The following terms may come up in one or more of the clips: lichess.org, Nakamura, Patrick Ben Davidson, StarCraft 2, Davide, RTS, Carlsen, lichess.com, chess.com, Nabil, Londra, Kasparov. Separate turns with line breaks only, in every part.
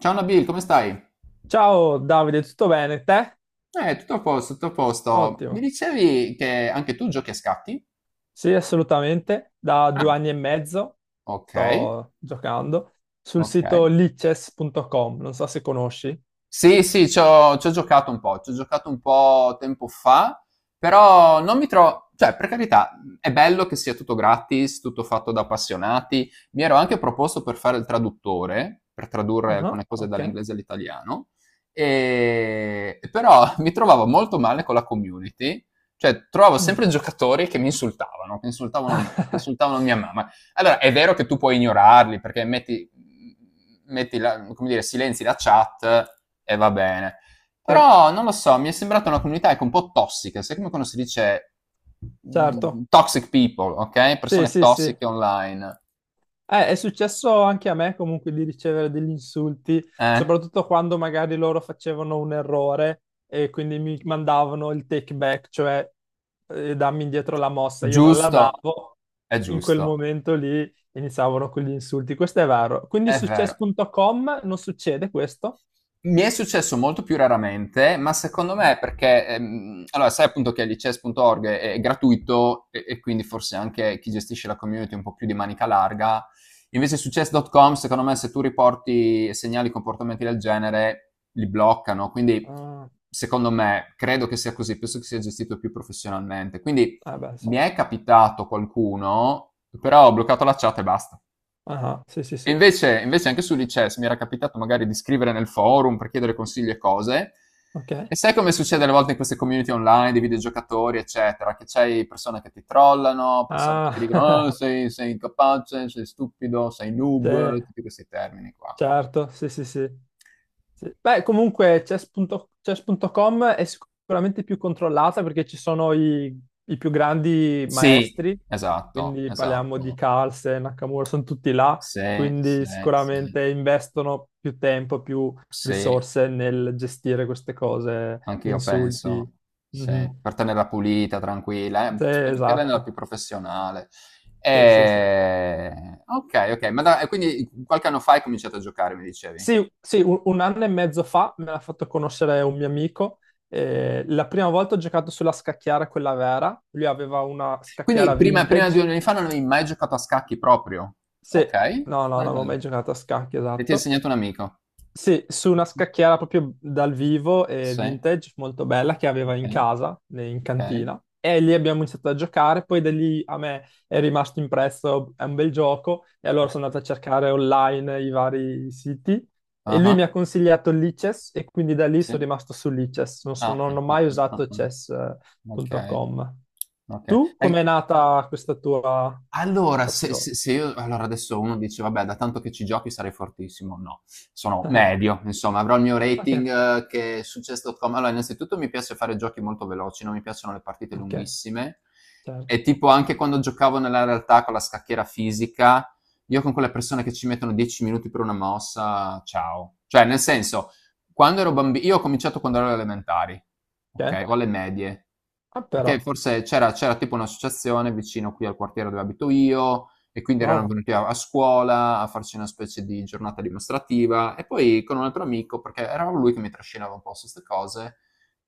Ciao Nabil, come stai?
Ciao Davide, tutto bene? Te?
Tutto a posto, tutto a posto. Mi
Ottimo.
dicevi che anche tu giochi a scatti?
Sì, assolutamente. Da due
Ah,
anni e mezzo
ok,
sto giocando sul
ok.
sito lichess.com, non so se conosci.
Sì, sì, c'ho giocato un po', c'ho giocato un po' tempo fa, però non mi trovo, cioè, per carità, è bello che sia tutto gratis, tutto fatto da appassionati. Mi ero anche proposto per fare il traduttore, per tradurre
Ah,
alcune cose
ok.
dall'inglese all'italiano, però mi trovavo molto male con la community, cioè trovavo
Mm.
sempre giocatori che mi insultavano, che insultavano me, che insultavano mia mamma. Allora, è vero che tu puoi ignorarli perché metti, come dire, silenzi la chat e va bene. Però non lo so, mi è sembrata una comunità, ecco, un po' tossica, sai come quando si dice
Certo.
toxic people, ok?
Sì,
Persone
sì, sì.
tossiche online.
È successo anche a me comunque di ricevere degli insulti,
Eh?
soprattutto quando magari loro facevano un errore e quindi mi mandavano il take back, cioè dammi indietro la mossa, io non la
Giusto,
davo, in quel
giusto,
momento lì iniziavano con gli insulti, questo è vero. Quindi
è
su
vero.
chess.com non succede questo?
Mi è successo molto più raramente, ma secondo me
Sì.
è perché, allora sai, appunto, che lichess.org è gratuito e quindi forse anche chi gestisce la community è un po' più di manica larga. Invece su chess.com, secondo me, se tu riporti segnali, comportamenti del genere, li bloccano. Quindi,
Ah,
secondo me, credo che sia così, penso che sia gestito più professionalmente. Quindi
ah, beh, sì.
mi è capitato qualcuno, però ho bloccato la chat e basta.
Ah, sì, sì,
E
sì,
invece anche su Lichess mi era capitato, magari, di scrivere nel forum per chiedere consigli e cose. E
ok.
sai come succede alle volte in queste community online di videogiocatori eccetera, che c'hai persone che ti trollano, persone che ti dicono, "Oh,
Ah,
sei incapace, sei stupido, sei
sì,
noob", tutti questi termini qua.
certo, sì, sì, sì. Sì. Beh, comunque chess.com è sicuramente più controllata perché ci sono i più grandi
Sì,
maestri,
esatto,
quindi parliamo di
esatto.
Carlsen, Nakamura, sono tutti là,
Sì, sì,
quindi
sì,
sicuramente investono più tempo, più
sì.
risorse nel gestire queste cose,
Anche
gli
io
insulti.
penso,
Mhm.
per tenerla pulita, tranquilla,
Sì,
spero che renderla
esatto.
più professionale.
Sì, sì, sì.
Ok, ok, ma e quindi qualche anno fa hai cominciato a giocare, mi dicevi.
Sì, sì, un anno e mezzo fa me l'ha fatto conoscere un mio amico. La prima volta ho giocato sulla scacchiera, quella vera. Lui aveva una
Quindi
scacchiera
prima di
vintage.
2 anni fa non avevi mai giocato a scacchi proprio?
Sì,
Ok,
no, no, non
vai,
avevo mai
vai.
giocato a scacchi,
E ti ha
esatto.
insegnato un amico?
Sì, su una scacchiera proprio dal vivo e
Sì,
vintage molto bella che aveva in
ok,
casa, in
ok.
cantina. E lì abbiamo iniziato a giocare, poi da lì a me è rimasto impresso, è un bel gioco, e allora sono andato a cercare online i vari siti e lui
Ah,
mi ha consigliato il Lichess e quindi da lì sono
sì.
rimasto su Lichess,
Ah, ah,
non ho
ah,
mai
ah, ah.
usato
Ah. Ok,
chess.com.
ok.
Tu
E
com'è nata questa tua
allora, se
passione?
se se io allora adesso uno dice, "Vabbè, da tanto che ci giochi sarai fortissimo." No, sono medio, insomma, avrò il mio
Ok,
rating, che Chess.com, allora, innanzitutto mi piace fare giochi molto veloci, non mi piacciono le partite
ok,
lunghissime,
certo.
e tipo anche quando giocavo nella realtà con la scacchiera fisica, io con quelle persone che ci mettono 10 minuti per una mossa, ciao. Cioè, nel senso, quando ero bambino, io ho cominciato quando ero alle elementari, ok,
Ok,
o alle medie,
ah
perché
però,
forse c'era tipo un'associazione vicino qui al quartiere dove abito io, e quindi erano
wow.
venuti a scuola a farci una specie di giornata dimostrativa. E poi con un altro amico, perché era lui che mi trascinava un po' su queste cose,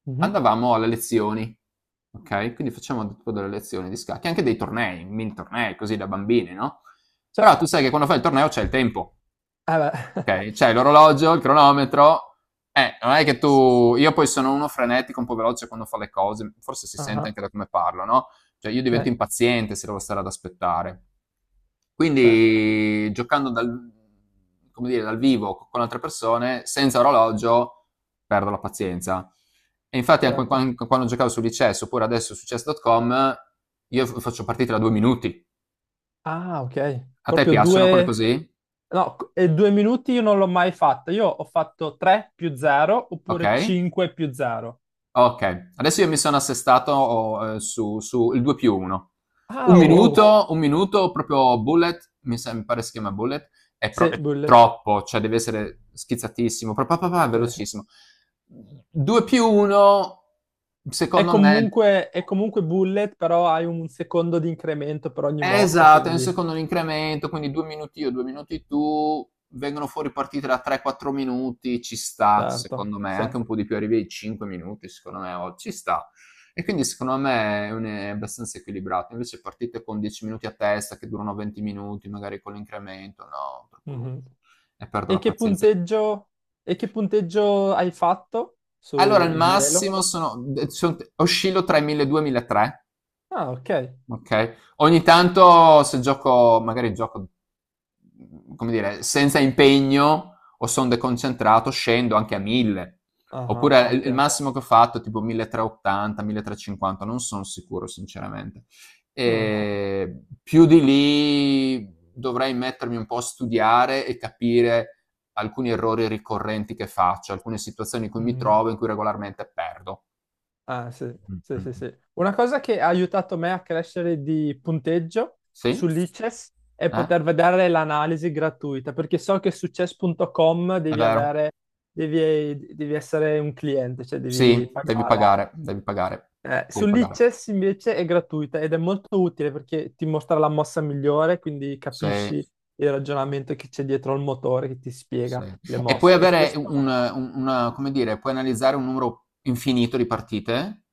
Mhm.
andavamo alle lezioni, ok? Quindi facevamo tipo delle lezioni di scacchi, anche dei tornei, mini tornei così da bambini, no?
Sì,
Però
eh
tu sai che quando fai il torneo c'è il tempo.
beh.
Ok, c'è l'orologio, il cronometro. Non è che tu. Io poi sono uno frenetico, un po' veloce quando fa le cose, forse si sente
Ah,
anche da come parlo, no? Cioè, io divento
ok,
impaziente se devo stare ad aspettare.
sì,
Quindi giocando dal, come dire, dal vivo con altre persone, senza orologio, perdo la pazienza. E infatti
certo.
anche quando giocavo su Lichess, oppure adesso su chess.com, io faccio partite da 2 minuti.
Ah, ok.
A te
Proprio
piacciono quelle
due...
così?
No, e 2 minuti io non l'ho mai fatta. Io ho fatto 3 più 0
Ok?
oppure 5 più 0.
Okay, adesso io mi sono assestato, o su il 2 più 1. Un
Ah,
Okay.
oh.
Minuto, un minuto proprio bullet, mi pare si chiama bullet, è pro
Sì,
è
bullet.
troppo, cioè deve essere schizzatissimo, pa pa pa pa
Sì.
velocissimo. 2 più 1,
È
secondo me.
comunque, è comunque bullet, però hai un secondo di incremento per ogni mossa,
Esatto, nel
quindi...
secondo l'incremento, quindi 2 minuti io, 2 minuti tu, vengono fuori partite da 3-4 minuti, ci sta, secondo
Certo,
me,
sì.
anche un po' di più, arrivi ai 5 minuti, secondo me, ci sta. E quindi secondo me è abbastanza equilibrato. Invece partite con 10 minuti a testa che durano 20 minuti, magari con l'incremento, no, troppo lungo.
Mhm.
E perdo
E
la
che
pazienza.
punteggio... E che punteggio hai fatto
Allora,
su
il
di Elo?
massimo sono, oscillo tra i 1200 e i 1300.
Ah, ok.
Ok. Ogni tanto se gioco, magari gioco, come dire, senza impegno o sono deconcentrato, scendo anche a 1000.
Ah,
Oppure il
ok.
massimo che ho fatto è tipo 1380, 1350, non sono sicuro sinceramente.
Ok.
E più di lì dovrei mettermi un po' a studiare e capire alcuni errori ricorrenti che faccio, alcune situazioni in cui mi
Mhm.
trovo, in cui regolarmente perdo.
Ah, sì,
Mm,
sì,
mm,
sì,
mm.
sì. Una cosa che ha aiutato me a crescere di punteggio su
Sì?
Lichess è
Eh?
poter vedere l'analisi gratuita, perché so che su chess.com
È
devi
vero.
avere, devi essere un cliente, cioè devi
Sì, devi
pagare.
pagare, devi pagare, devi
Su
pagare.
Lichess invece è gratuita ed è molto utile perché ti mostra la mossa migliore, quindi
Sì,
capisci il ragionamento che c'è dietro al motore che ti
sì.
spiega le
E puoi
mosse. E
avere,
questo...
come dire, puoi analizzare un numero infinito di partite,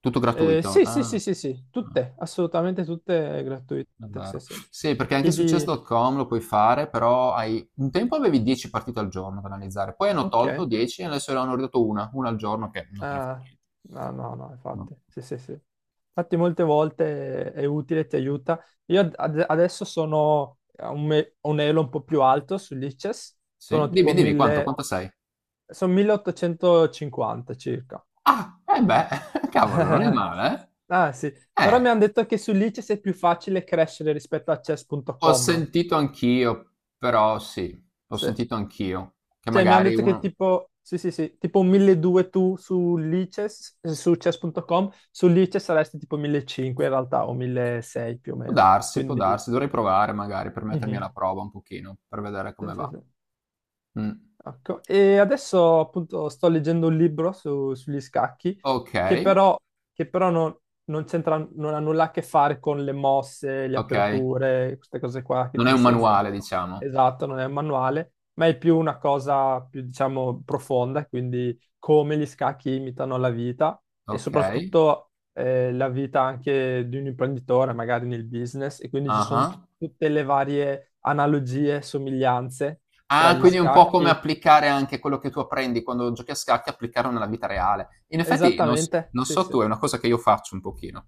tutto gratuito.
Sì, sì,
Ah,
sì, sì, sì,
ah,
tutte, assolutamente tutte gratuite,
è
sì,
vero.
sì.
Sì, perché anche su
Chiedi,
chess.com lo puoi fare, però hai, un tempo avevi 10 partite al giorno da analizzare, poi hanno
ok,
tolto 10 e adesso ne hanno ridotto una al giorno che non te ne fa
ah,
niente.
no, no, no,
No.
infatti, sì, sì, sì. Infatti molte volte è utile, ti aiuta. Io adesso sono a un elo un po' più alto sull'ICES,
Sì?
sono
Dimmi,
tipo
dimmi, quanto,
1000,
quanto sei?
sono 1850 circa.
Ah, eh beh, cavolo, non è male,
Ah sì,
eh?
però mi hanno detto che sull'ICES è più facile crescere rispetto a
Ho
chess.com.
sentito anch'io, però sì, ho sentito anch'io, che
Cioè, mi hanno
magari
detto che
uno.
tipo, sì, sì, sì, tipo 1200 tu su Lices, su chess.com, su Lices saresti tipo 1500 in realtà, o 1600 più o meno.
Può
Quindi,
darsi, dovrei provare magari per mettermi
mhm.
alla prova un pochino, per vedere come
Sì, sì,
va.
sì.
Mm.
Ecco, e adesso appunto sto leggendo un libro sugli scacchi
Ok,
che però, che però non c'entra, non ha nulla a che fare con le mosse, le
ok,
aperture, queste cose qua che
non
ti
è un
insegnano.
manuale, diciamo.
Esatto, non è un manuale, ma è più una cosa più diciamo profonda, quindi come gli scacchi imitano la vita e
Ok,
soprattutto la vita anche di un imprenditore, magari nel business, e quindi ci
ah
sono
ah.
tutte le varie analogie, somiglianze tra
Ah,
gli
quindi è un po' come
scacchi.
applicare anche quello che tu apprendi quando giochi a scacchi, applicarlo nella vita reale. In effetti,
Esattamente,
non
sì,
so
sì.
tu, è una cosa che io faccio un pochino.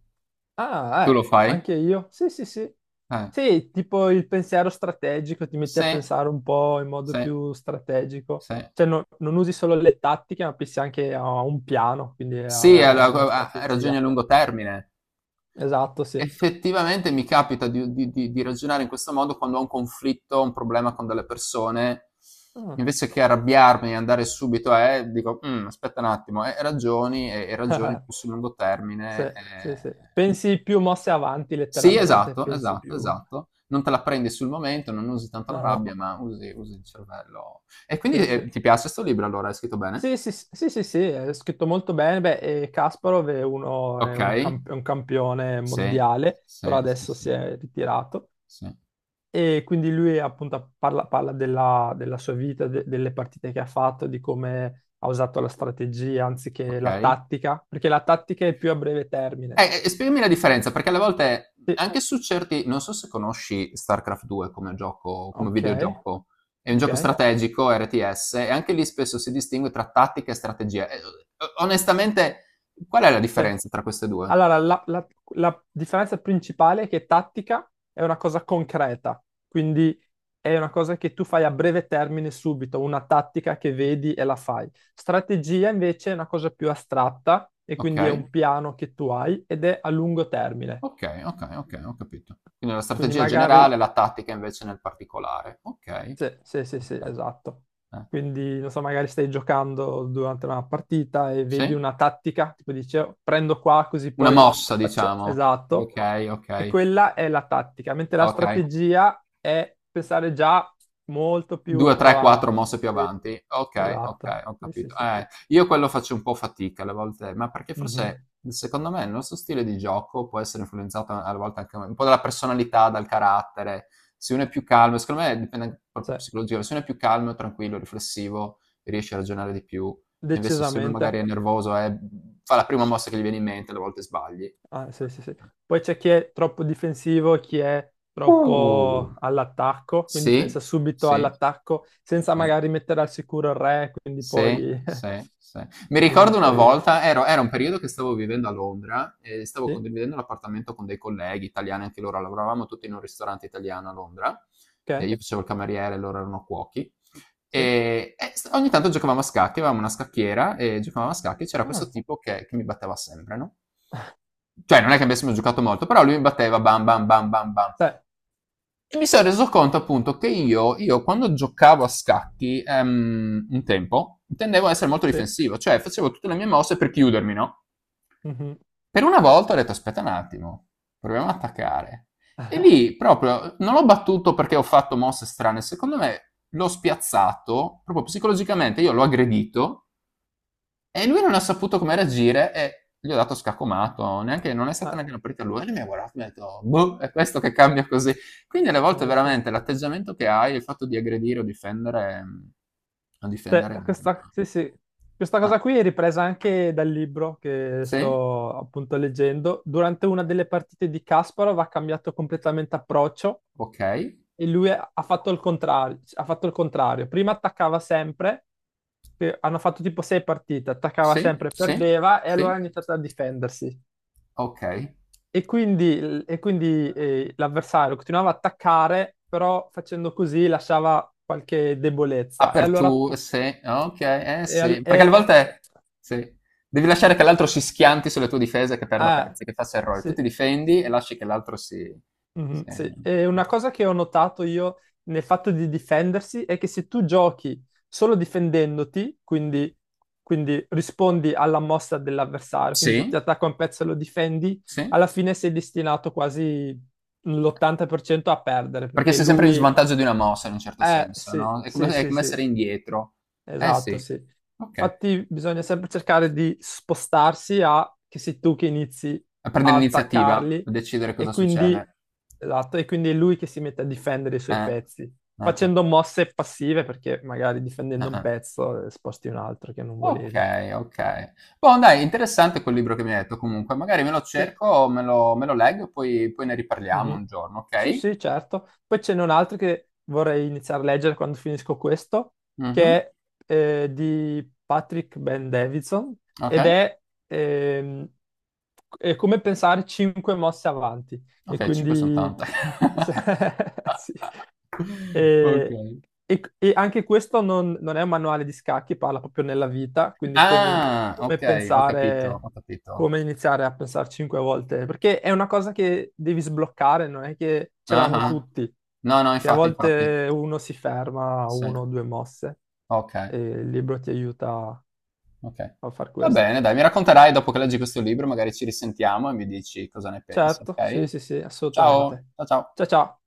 Ah,
Tu lo fai?
anche io. Sì, sì, sì.
Eh.
Sì, tipo il pensiero strategico, ti metti a
Sì,
pensare un po' in modo
sì,
più strategico.
sì.
Cioè, non usi solo le tattiche, ma pensi anche a un piano, quindi a
Sì,
avere una
ragioni a
strategia.
lungo termine.
Esatto, sì.
Effettivamente mi capita di ragionare in questo modo quando ho un conflitto, un problema con delle persone,
Ah.
invece che arrabbiarmi e andare subito dico, "Mm, aspetta un attimo, e ragioni, e ragioni più sul lungo
Sì,
termine.
sì,
Eh."
sì. Pensi più mosse avanti,
Sì,
letteralmente,
esatto,
pensi
esatto,
più.
esatto. Non te la prendi sul momento, non usi tanto la
Ah,
rabbia, ma usi il cervello. E quindi,
sì, sì.
ti piace questo libro allora? È scritto bene?
Sì, sì, sì, sì, sì, sì, è scritto molto bene. Beh, e Kasparov
Ok.
è un campione
Sì,
mondiale, però
sì, sì,
adesso
sì,
si è ritirato.
sì.
E quindi lui appunto parla della sua vita, delle partite che ha fatto, di come ha usato la strategia anziché la
Okay.
tattica, perché la tattica è più a breve termine.
E spiegami la differenza, perché alle volte
Sì,
anche su certi, non so se conosci StarCraft 2 come gioco, come
ok,
videogioco. È un
ok.
gioco strategico, RTS, e anche lì spesso si distingue tra tattica e strategia. E o onestamente, qual è la
Sì.
differenza tra queste 2?
Allora, la differenza principale è che tattica è una cosa concreta, quindi è una cosa che tu fai a breve termine subito, una tattica che vedi e la fai. Strategia invece è una cosa più astratta e quindi è
Okay,
un piano che tu hai ed è a lungo termine.
okay, okay, okay, ho capito. Quindi la
Quindi
strategia generale,
magari...
la tattica invece nel particolare. Okay.
Sì, sì, sì, sì,
Okay.
esatto.
Eh.
Quindi, non so, magari stai giocando durante una partita e vedi
Sì?
una tattica, tipo dici, "Oh, prendo qua così
Una
poi
mossa,
faccio..."
diciamo.
Esatto.
Okay,
E
okay,
quella è la tattica, mentre la
okay.
strategia è pensare già molto più
2, 3, 4
avanti.
mosse più
Sì.
avanti. Okay, okay,
Esatto,
ho
sì, sì,
capito.
sì, sì.
Io quello faccio un po' fatica alle volte, ma perché
Mhm.
forse, secondo me, il nostro stile di gioco può essere influenzato alle volte anche un po' dalla personalità, dal carattere. Se uno è più calmo, secondo me dipende anche proprio
Cioè,
psicologia, se uno è più calmo, tranquillo, riflessivo, riesce a ragionare di più. E invece se uno magari è
decisamente.
nervoso, fa la prima mossa che gli viene in mente, alle volte sbagli.
Ah, sì, sì, sì. Poi c'è chi è troppo difensivo, chi è
Uh!
troppo all'attacco, quindi
Sì,
pensa subito
sì,
all'attacco senza
sì,
magari mettere al sicuro il re, quindi
sì,
poi...
sì, sì. Mi
quindi
ricordo una
poi...
volta, era un periodo che stavo vivendo a Londra e stavo
Sì,
condividendo l'appartamento con dei colleghi italiani, anche loro lavoravamo tutti in un ristorante italiano a Londra, e
ok,
io facevo il cameriere, loro erano cuochi.
sì.
E ogni tanto giocavamo a scacchi, avevamo una scacchiera e giocavamo a scacchi. C'era questo
Ah,
tipo che mi batteva sempre, no? Cioè, non è che avessimo giocato molto, però lui mi batteva bam bam bam bam bam.
sì,
E mi sono reso conto appunto che io quando giocavo a scacchi, un tempo tendevo a essere molto
sì.
difensivo, cioè facevo tutte le mie mosse per chiudermi, no?
Mhm.
Per una volta ho detto, aspetta un attimo, proviamo ad attaccare. E lì proprio non l'ho battuto perché ho fatto mosse strane, secondo me l'ho spiazzato proprio psicologicamente, io l'ho aggredito e lui non ha saputo come reagire e gli ho dato scacomato, neanche, non è stata
Ah,
neanche una partita a lui, e lui mi ha guardato e mi ha detto, boh, è questo che cambia così. Quindi alle
sì,
volte
sì, sì.
veramente l'atteggiamento che hai, il fatto di aggredire o difendere, o difendere.
Cioè, questa, sì, sì. Questa
Ah,
cosa qui è ripresa anche dal libro che
sì,
sto appunto leggendo. Durante una delle partite di Kasparov ha cambiato completamente approccio
ok,
e lui ha fatto il contrario, ha fatto il contrario. Prima attaccava sempre, che hanno fatto tipo sei partite, attaccava
sì,
sempre,
sì,
perdeva e allora
sì,
ha iniziato a difendersi.
ok.
E quindi, l'avversario continuava a attaccare, però facendo così lasciava qualche debolezza. E allora
Apertura, sì, ok, eh
e al-
sì, perché alle
e
volte sì, devi lasciare che l'altro si schianti sulle tue difese e che perda
Ah,
pezzi, che faccia errori. Tu
sì.
ti difendi e lasci che l'altro si.
Mhm, sì. E una cosa che ho notato io nel fatto di difendersi è che se tu giochi solo difendendoti, quindi, quindi rispondi alla mossa dell'avversario, quindi ti
Sì,
attacca un pezzo e lo difendi,
sì,
alla fine sei destinato quasi l'80% a perdere,
perché
perché
sei sempre in
lui...
svantaggio di una mossa in un certo senso,
Sì,
no?
sì,
È
sì,
come
sì.
essere indietro. Eh
Esatto,
sì,
sì.
ok.
Infatti bisogna sempre cercare di spostarsi a che sei tu che inizi
A
a
prendere l'iniziativa,
attaccarli
a decidere
e
cosa
quindi,
succede.
esatto, e quindi è lui che si mette a difendere i suoi
Eh,
pezzi,
eh,
facendo mosse passive perché magari difendendo un
eh.
pezzo sposti un altro che non volevi.
Okay, okay. Boh, dai, interessante quel libro che mi hai detto comunque. Magari me lo
Sì.
cerco, me lo leggo e poi ne riparliamo un
Mhm.
giorno,
Sì,
okay?
sì, certo. Poi ce n'è un altro che vorrei iniziare a leggere quando finisco questo,
Mh-mh.
che è di Patrick Ben Davidson ed
Okay.
è, ehm, è come pensare cinque mosse avanti. E
Okay, 5 son
quindi
tante.
sì, e,
Okay.
e anche questo non è un manuale di scacchi, parla proprio nella vita, quindi come,
Ah,
come
okay, ho capito,
pensare,
ho capito.
come iniziare a pensare cinque volte, perché è una cosa che devi sbloccare, non è che ce l'hanno
Ah-ah.
tutti,
No, no,
che a
infatti, infatti.
volte uno si ferma a
Sì.
uno o due mosse
Okay,
e il libro ti aiuta
okay.
a far
Va
questo.
bene dai, mi racconterai dopo che leggi questo libro, magari ci risentiamo e mi dici cosa ne pensi,
Certo, sì,
okay?
sì, sì,
Ciao,
assolutamente.
ciao.
Ciao, ciao.